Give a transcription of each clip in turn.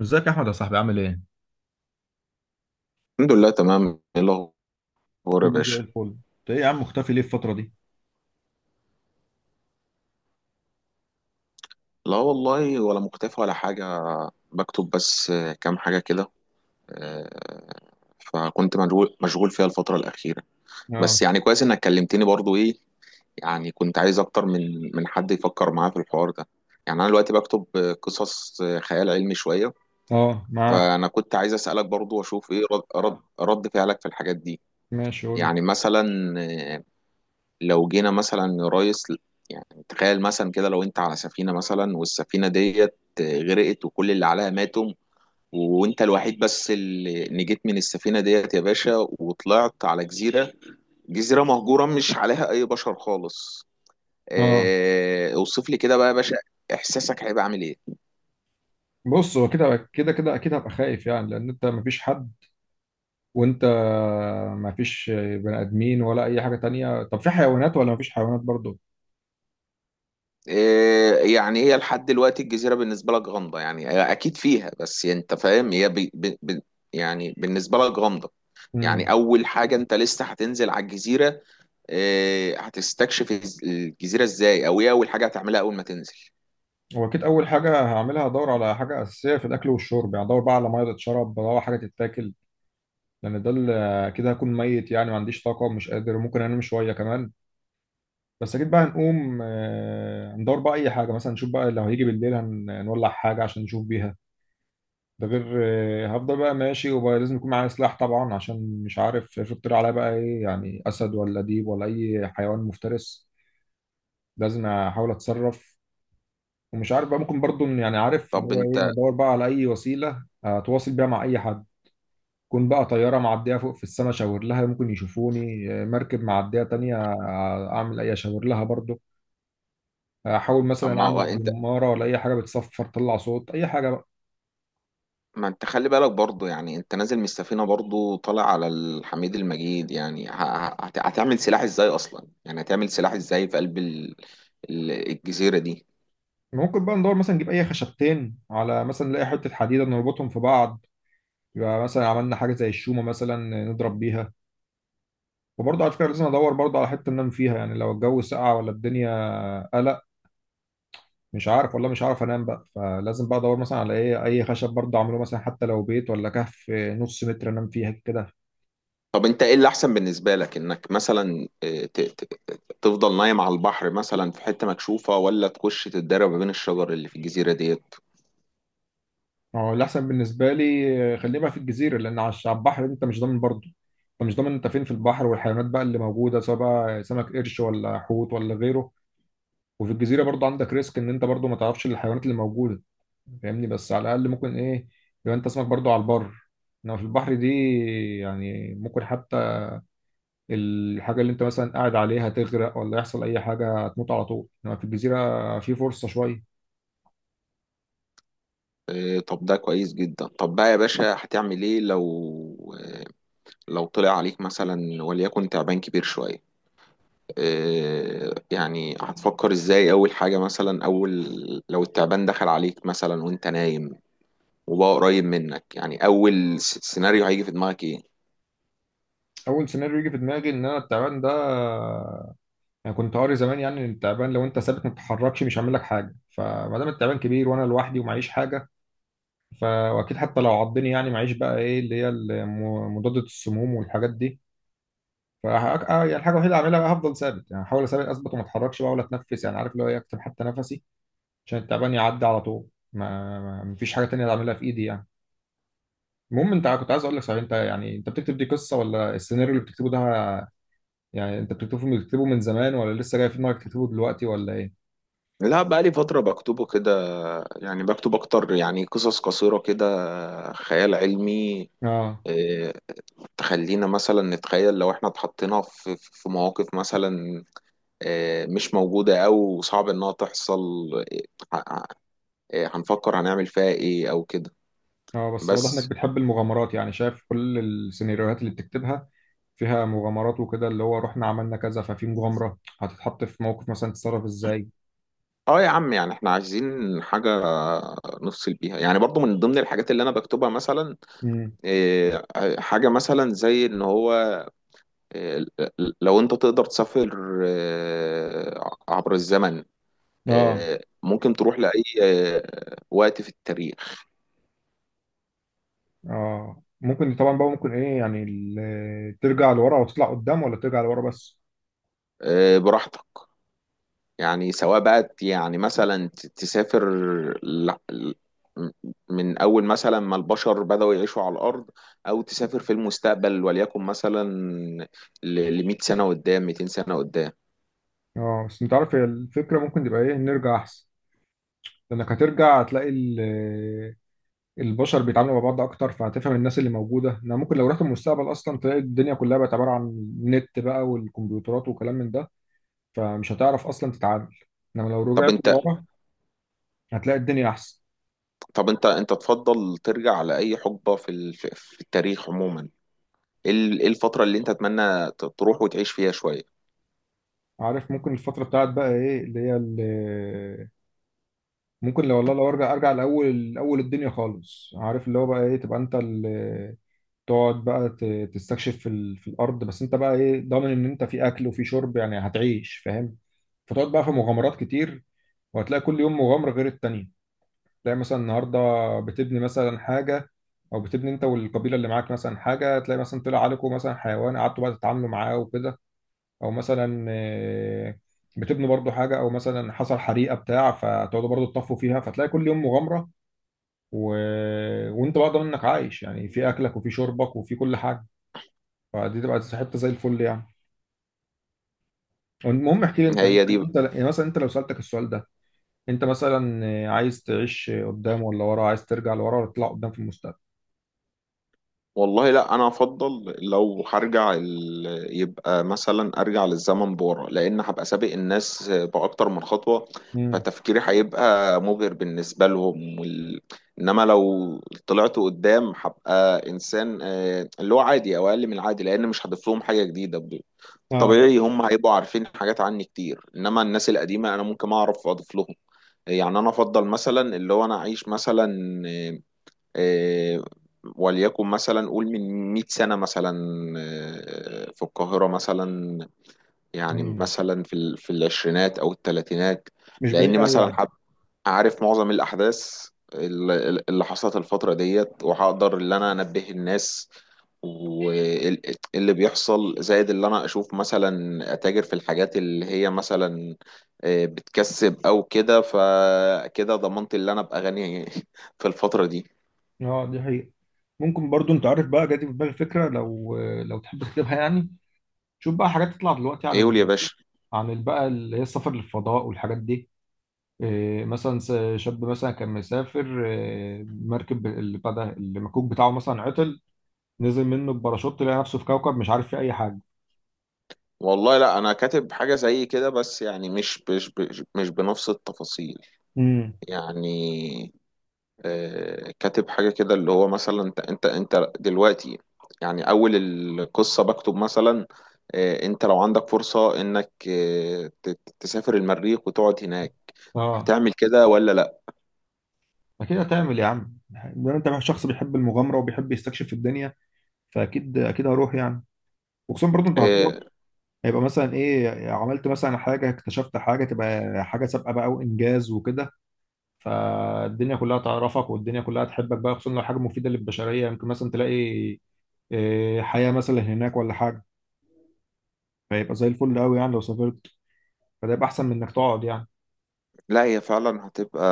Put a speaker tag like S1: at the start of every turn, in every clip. S1: ازيك يا احمد يا صاحبي عامل ايه؟
S2: الحمد لله تمام. ايه الاخبار يا
S1: كله زي
S2: باشا؟
S1: الفل. انت ايه يا عم مختفي ليه الفترة دي؟
S2: لا والله ولا مختفي ولا حاجه. بكتب بس كام حاجه كده. آه، فكنت مشغول فيها الفتره الاخيره.
S1: اه.
S2: بس يعني كويس انك كلمتني برضو. ايه يعني كنت عايز اكتر من حد يفكر معايا في الحوار ده. يعني انا دلوقتي بكتب قصص، خيال علمي شويه.
S1: اه معاك.
S2: فانا كنت عايز اسالك برضو واشوف ايه رد فعلك في الحاجات دي.
S1: ماشي قول لي.
S2: يعني مثلا، آه، لو جينا مثلا يا ريس، يعني تخيل مثلا كده لو انت على سفينة مثلا، والسفينة ديت غرقت وكل اللي عليها ماتوا، وانت الوحيد بس اللي نجيت من السفينة ديت يا باشا، وطلعت على جزيرة، جزيرة مهجورة مش عليها اي بشر خالص.
S1: اه
S2: اه اوصف لي كده بقى يا باشا، احساسك هيبقى عامل ايه؟
S1: بص هو كده اكيد هبقى خايف يعني لان انت مفيش حد، وانت مفيش بني ادمين ولا اي حاجه تانية. طب في حيوانات ولا مفيش حيوانات برضو؟
S2: اه يعني هي لحد دلوقتي الجزيرة بالنسبة لك غامضة، يعني هي اكيد فيها، بس انت فاهم هي يعني بالنسبة لك غامضة. يعني
S1: امم.
S2: اول حاجه انت لسه هتنزل على الجزيره، هتستكشف الجزيره ازاي، او ايه اول حاجه هتعملها اول ما تنزل؟
S1: هو اكيد اول حاجه هعملها هدور على حاجه اساسيه في الاكل والشرب، يعني ادور بقى على ميه تتشرب، بدور على حاجه تتاكل، لان ده اللي كده هكون ميت يعني، ما عنديش طاقه، مش قادر، ممكن انام شويه كمان. بس اكيد بقى هنقوم ندور بقى اي حاجه، مثلا نشوف بقى لو هيجي بالليل هنولع حاجه عشان نشوف بيها. ده غير هفضل بقى ماشي، وبقى لازم يكون معايا سلاح طبعا، عشان مش عارف افرض طلع عليا بقى ايه، يعني اسد ولا ديب ولا اي حيوان مفترس، لازم احاول اتصرف. ومش عارف بقى، ممكن برضو يعني عارف اللي
S2: طب
S1: هو ايه،
S2: انت،
S1: ادور بقى على اي وسيله اتواصل بيها مع اي حد. كون بقى طياره معديه فوق في السماء اشاور لها ممكن يشوفوني، مركب معديه تانية اعمل اي اشاور لها برضو. احاول
S2: طب
S1: مثلا
S2: ما هو
S1: اعمل
S2: انت،
S1: زماره ولا اي حاجه بتصفر تطلع صوت، اي حاجه بقى.
S2: ما انت خلي بالك برضو، يعني انت نازل من السفينه برضو طالع على الحميد المجيد، يعني هتعمل سلاح ازاي اصلا؟ يعني هتعمل سلاح ازاي في قلب الجزيره دي؟
S1: ممكن بقى ندور مثلا نجيب اي خشبتين، على مثلا نلاقي حته حديده نربطهم في بعض، يبقى مثلا عملنا حاجه زي الشومه مثلا نضرب بيها. وبرضه على فكره لازم ادور برضه على حته انام فيها، يعني لو الجو ساقع ولا الدنيا قلق مش عارف والله مش عارف انام بقى، فلازم بقى ادور مثلا على ايه، اي خشب برضه اعمله مثلا، حتى لو بيت ولا كهف نص متر انام فيها كده.
S2: طب انت ايه اللي احسن بالنسبه لك، انك مثلا تفضل نايم على البحر مثلا في حته مكشوفه، ولا تخش تتدرب ما بين الشجر اللي في الجزيره دي؟
S1: هو الأحسن بالنسبة لي خليه بقى في الجزيرة، لأن على البحر أنت مش ضامن برضه، أنت مش ضامن أنت فين في البحر، والحيوانات بقى اللي موجودة سواء بقى سمك قرش ولا حوت ولا غيره. وفي الجزيرة برضه عندك ريسك إن أنت برضه ما تعرفش الحيوانات اللي موجودة، فاهمني، بس على الأقل ممكن إيه، يبقى أنت اسمك برضه على البر. إنما في البحر دي يعني ممكن حتى الحاجة اللي أنت مثلا قاعد عليها تغرق ولا يحصل أي حاجة هتموت على طول، إنما في الجزيرة في فرصة شوية.
S2: طب ده كويس جدا. طب بقى يا باشا هتعمل ايه لو لو طلع عليك مثلا وليكن تعبان كبير شوية؟ يعني هتفكر ازاي اول حاجة مثلا، اول لو التعبان دخل عليك مثلا وانت نايم وبقى قريب منك، يعني اول سيناريو هيجي في دماغك ايه؟
S1: أول سيناريو يجي في دماغي إن أنا التعبان ده، انا كنت قاري زمان يعني ان التعبان لو انت ثابت ما بتتحركش مش هعمل لك حاجه، فما دام التعبان كبير وانا لوحدي ومعيش حاجه، واكيد حتى لو عضني يعني معيش بقى ايه اللي هي مضادة السموم والحاجات دي. ف يعني الحاجه الوحيده اللي اعملها بقى هفضل ثابت، يعني هحاول اثبت وما اتحركش بقى ولا اتنفس، يعني عارف اللي هو إيه، اكتم حتى نفسي عشان التعبان يعدي على طول. مفيش حاجه تانية اعملها في ايدي يعني. المهم انت كنت عايز اقول لك، صحيح انت يعني انت بتكتب دي قصه ولا السيناريو اللي بتكتبه ده، يعني انت بتكتبه من زمان ولا لسه جاي في دماغك تكتبه دلوقتي ولا ايه؟
S2: لا بقى لي فترة بكتبه كده، يعني بكتب اكتر يعني قصص قصيرة كده خيال علمي.
S1: اه.
S2: إيه، تخلينا مثلا نتخيل لو احنا اتحطينا في مواقف مثلا مش موجودة أو صعب إنها تحصل، آه، هنفكر هنعمل فيها إيه أو كده.
S1: اه بس واضح انك
S2: بس
S1: بتحب المغامرات، يعني شايف كل السيناريوهات اللي بتكتبها فيها مغامرات وكده، اللي هو رحنا عملنا كذا، ففي مغامرة هتتحط في موقف مثلا تتصرف ازاي.
S2: اه يا عم، يعني احنا عايزين حاجة نفصل بيها، يعني برضو من ضمن الحاجات اللي انا بكتبها مثلا،
S1: امم.
S2: آه، حاجة مثلا زي ان هو آه، لو انت تقدر تسافر عبر الزمن،
S1: اه
S2: ممكن تروح لأي وقت في التاريخ،
S1: اه. ممكن طبعا بقى، ممكن ايه يعني ترجع لورا وتطلع قدام ولا ترجع لورا بس.
S2: براحتك. يعني سواء بقى تسافر ل- ل- من أول مثلا ما البشر بدأوا يعيشوا على الأرض، أو تسافر في المستقبل وليكن مثلا ل 100 سنة قدام، 200 سنة قدام.
S1: اه بس انت عارف هي الفكرة ممكن تبقى ايه، نرجع احسن، لانك هترجع هتلاقي البشر بيتعاملوا مع بعض اكتر فهتفهم الناس اللي موجودة، انا ممكن لو رحت المستقبل اصلا تلاقي الدنيا كلها بقت عبارة عن نت بقى والكمبيوترات وكلام من ده، فمش هتعرف اصلا تتعامل، انما لو
S2: طب
S1: رجعت
S2: أنت،
S1: لورا هتلاقي الدنيا احسن.
S2: طب أنت أنت تفضل ترجع لأي حقبة في في التاريخ عموما؟ إيه إيه الفترة اللي أنت تتمنى تروح وتعيش فيها شوية؟
S1: عارف ممكن الفتره بتاعت بقى ايه اللي هي اللي ممكن، لو والله لو ارجع، ارجع لاول اول الدنيا خالص، عارف اللي هو بقى ايه، تبقى انت اللي تقعد بقى تستكشف في ال... في الارض، بس انت بقى ايه ضامن ان انت في اكل وفي شرب يعني، هتعيش فاهم، فتقعد بقى في مغامرات كتير، وهتلاقي كل يوم مغامره غير التانيه. تلاقي مثلا النهارده بتبني مثلا حاجه، او بتبني انت والقبيله اللي معاك مثلا حاجه، تلاقي مثلا طلع عليكم مثلا حيوان قعدتوا بقى تتعاملوا معاه وكده، او مثلا بتبنوا برضو حاجه، او مثلا حصل حريقه بتاع فتقعدوا برضو تطفوا فيها، فتلاقي كل يوم مغامره. و... وانت بقى ضامن انك عايش يعني، في اكلك وفي شربك وفي كل حاجه، فدي تبقى حته زي الفل يعني. المهم احكي لي انت انت،
S2: هي دي.
S1: انت يعني مثلا انت لو سالتك السؤال ده، انت مثلا عايز تعيش قدام ولا ورا، عايز ترجع لورا ولا تطلع قدام في المستقبل؟
S2: والله لا انا افضل لو هرجع يبقى مثلا ارجع للزمن بورا، لان هبقى سابق الناس باكتر من خطوه، فتفكيري هيبقى مبهر بالنسبه لهم انما لو طلعت قدام هبقى انسان اللي هو عادي او اقل من العادي، لان مش هضيف لهم حاجه جديده
S1: امم.
S2: طبيعي هم هيبقوا عارفين حاجات عني كتير، انما الناس القديمه انا ممكن اعرف اضيف لهم. يعني انا افضل مثلا اللي هو انا اعيش مثلا آه، وليكن مثلا قول من 100 سنة مثلا في القاهرة مثلا، يعني
S1: مم.
S2: مثلا في في العشرينات أو الثلاثينات.
S1: مش بعيد
S2: لأن
S1: قوي
S2: مثلا
S1: يعني.
S2: عارف معظم الأحداث اللي حصلت الفترة ديت، وهقدر اللي أنا أنبه الناس واللي بيحصل، زائد اللي أنا أشوف مثلا أتاجر في الحاجات اللي هي مثلا بتكسب أو كده، فكده ضمنت اللي أنا أبقى غني في الفترة دي.
S1: اه دي حقيقة. ممكن برضو، انت عارف بقى جاتي في بالي فكرة، لو لو تحب تكتبها يعني. شوف بقى حاجات تطلع دلوقتي عن
S2: إيه،
S1: ال...
S2: قول يا باشا.
S1: عن ال- بقى اللي هي السفر للفضاء والحاجات دي، إيه مثلا شاب مثلا كان مسافر، إيه، مركب اللي بتاع ده المكوك بتاعه مثلا عطل، نزل منه بباراشوت، لقى نفسه في كوكب مش عارف فيه اي حاجة.
S2: والله لا انا كاتب حاجه زي كده، بس يعني مش بنفس التفاصيل.
S1: امم.
S2: يعني آه كاتب حاجه كده اللي هو مثلا انت دلوقتي، يعني اول القصه بكتب مثلا آه انت لو عندك فرصه انك آه تسافر المريخ وتقعد هناك،
S1: اه
S2: هتعمل كده ولا لا؟
S1: اكيد هتعمل يا عم، ده انت شخص بيحب المغامره وبيحب يستكشف الدنيا، فاكيد اكيد هروح يعني. وخصوصا برضو انت هتروح،
S2: آه
S1: هيبقى مثلا ايه، عملت مثلا حاجه، اكتشفت حاجه، تبقى حاجه سابقه بقى وانجاز وكده، فالدنيا كلها تعرفك والدنيا كلها تحبك بقى، خصوصا لو حاجه مفيده للبشريه، يمكن مثلا تلاقي إيه، حياه مثلا هناك ولا حاجه، فيبقى زي الفل قوي يعني لو سافرت، فده يبقى احسن من انك تقعد يعني.
S2: لا هي فعلا هتبقى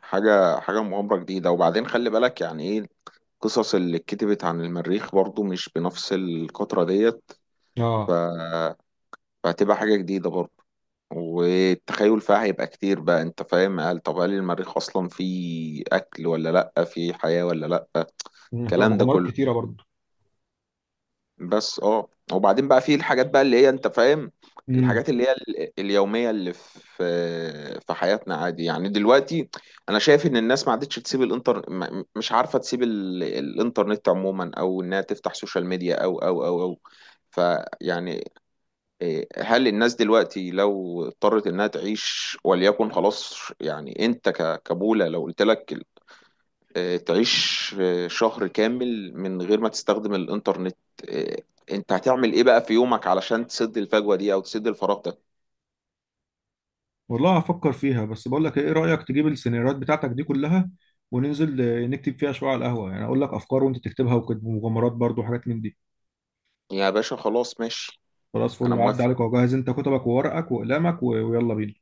S2: حاجه مغامره جديده. وبعدين خلي بالك يعني ايه، القصص اللي اتكتبت عن المريخ برضو مش بنفس القطرة ديت،
S1: اه.
S2: فهتبقى حاجة جديدة برضه، والتخيل فيها هيبقى كتير بقى. انت فاهم؟ قال طب هل المريخ اصلا فيه اكل ولا لا، فيه حياة ولا لا،
S1: أمم، طب
S2: الكلام ده
S1: مغامرات
S2: كله.
S1: كتيره برضه.
S2: بس اه وبعدين بقى فيه الحاجات بقى اللي هي انت فاهم،
S1: امم.
S2: الحاجات اللي هي اليومية اللي في حياتنا عادي يعني. دلوقتي انا شايف ان الناس ما عادتش تسيب مش عارفة تسيب الانترنت عموما، او انها تفتح سوشيال ميديا او فيعني، هل الناس دلوقتي لو اضطرت انها تعيش وليكن خلاص، يعني انت كبولة لو قلت لك تعيش شهر كامل من غير ما تستخدم الانترنت، إيه، انت هتعمل ايه بقى في يومك علشان تسد الفجوة دي او تسد الفراغ ده؟
S1: والله هفكر فيها، بس بقول لك ايه، إيه رايك تجيب السيناريوهات بتاعتك دي كلها وننزل نكتب فيها شويه على القهوه، يعني اقول لك افكار وانت تكتبها وكده، ومغامرات برضه وحاجات من دي.
S2: يا باشا خلاص ماشي.
S1: خلاص
S2: انا
S1: فل، عدى
S2: موافق.
S1: عليك وجهز انت كتبك وورقك وأقلامك ويلا بينا.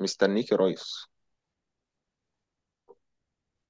S2: مستنيك يا ريس.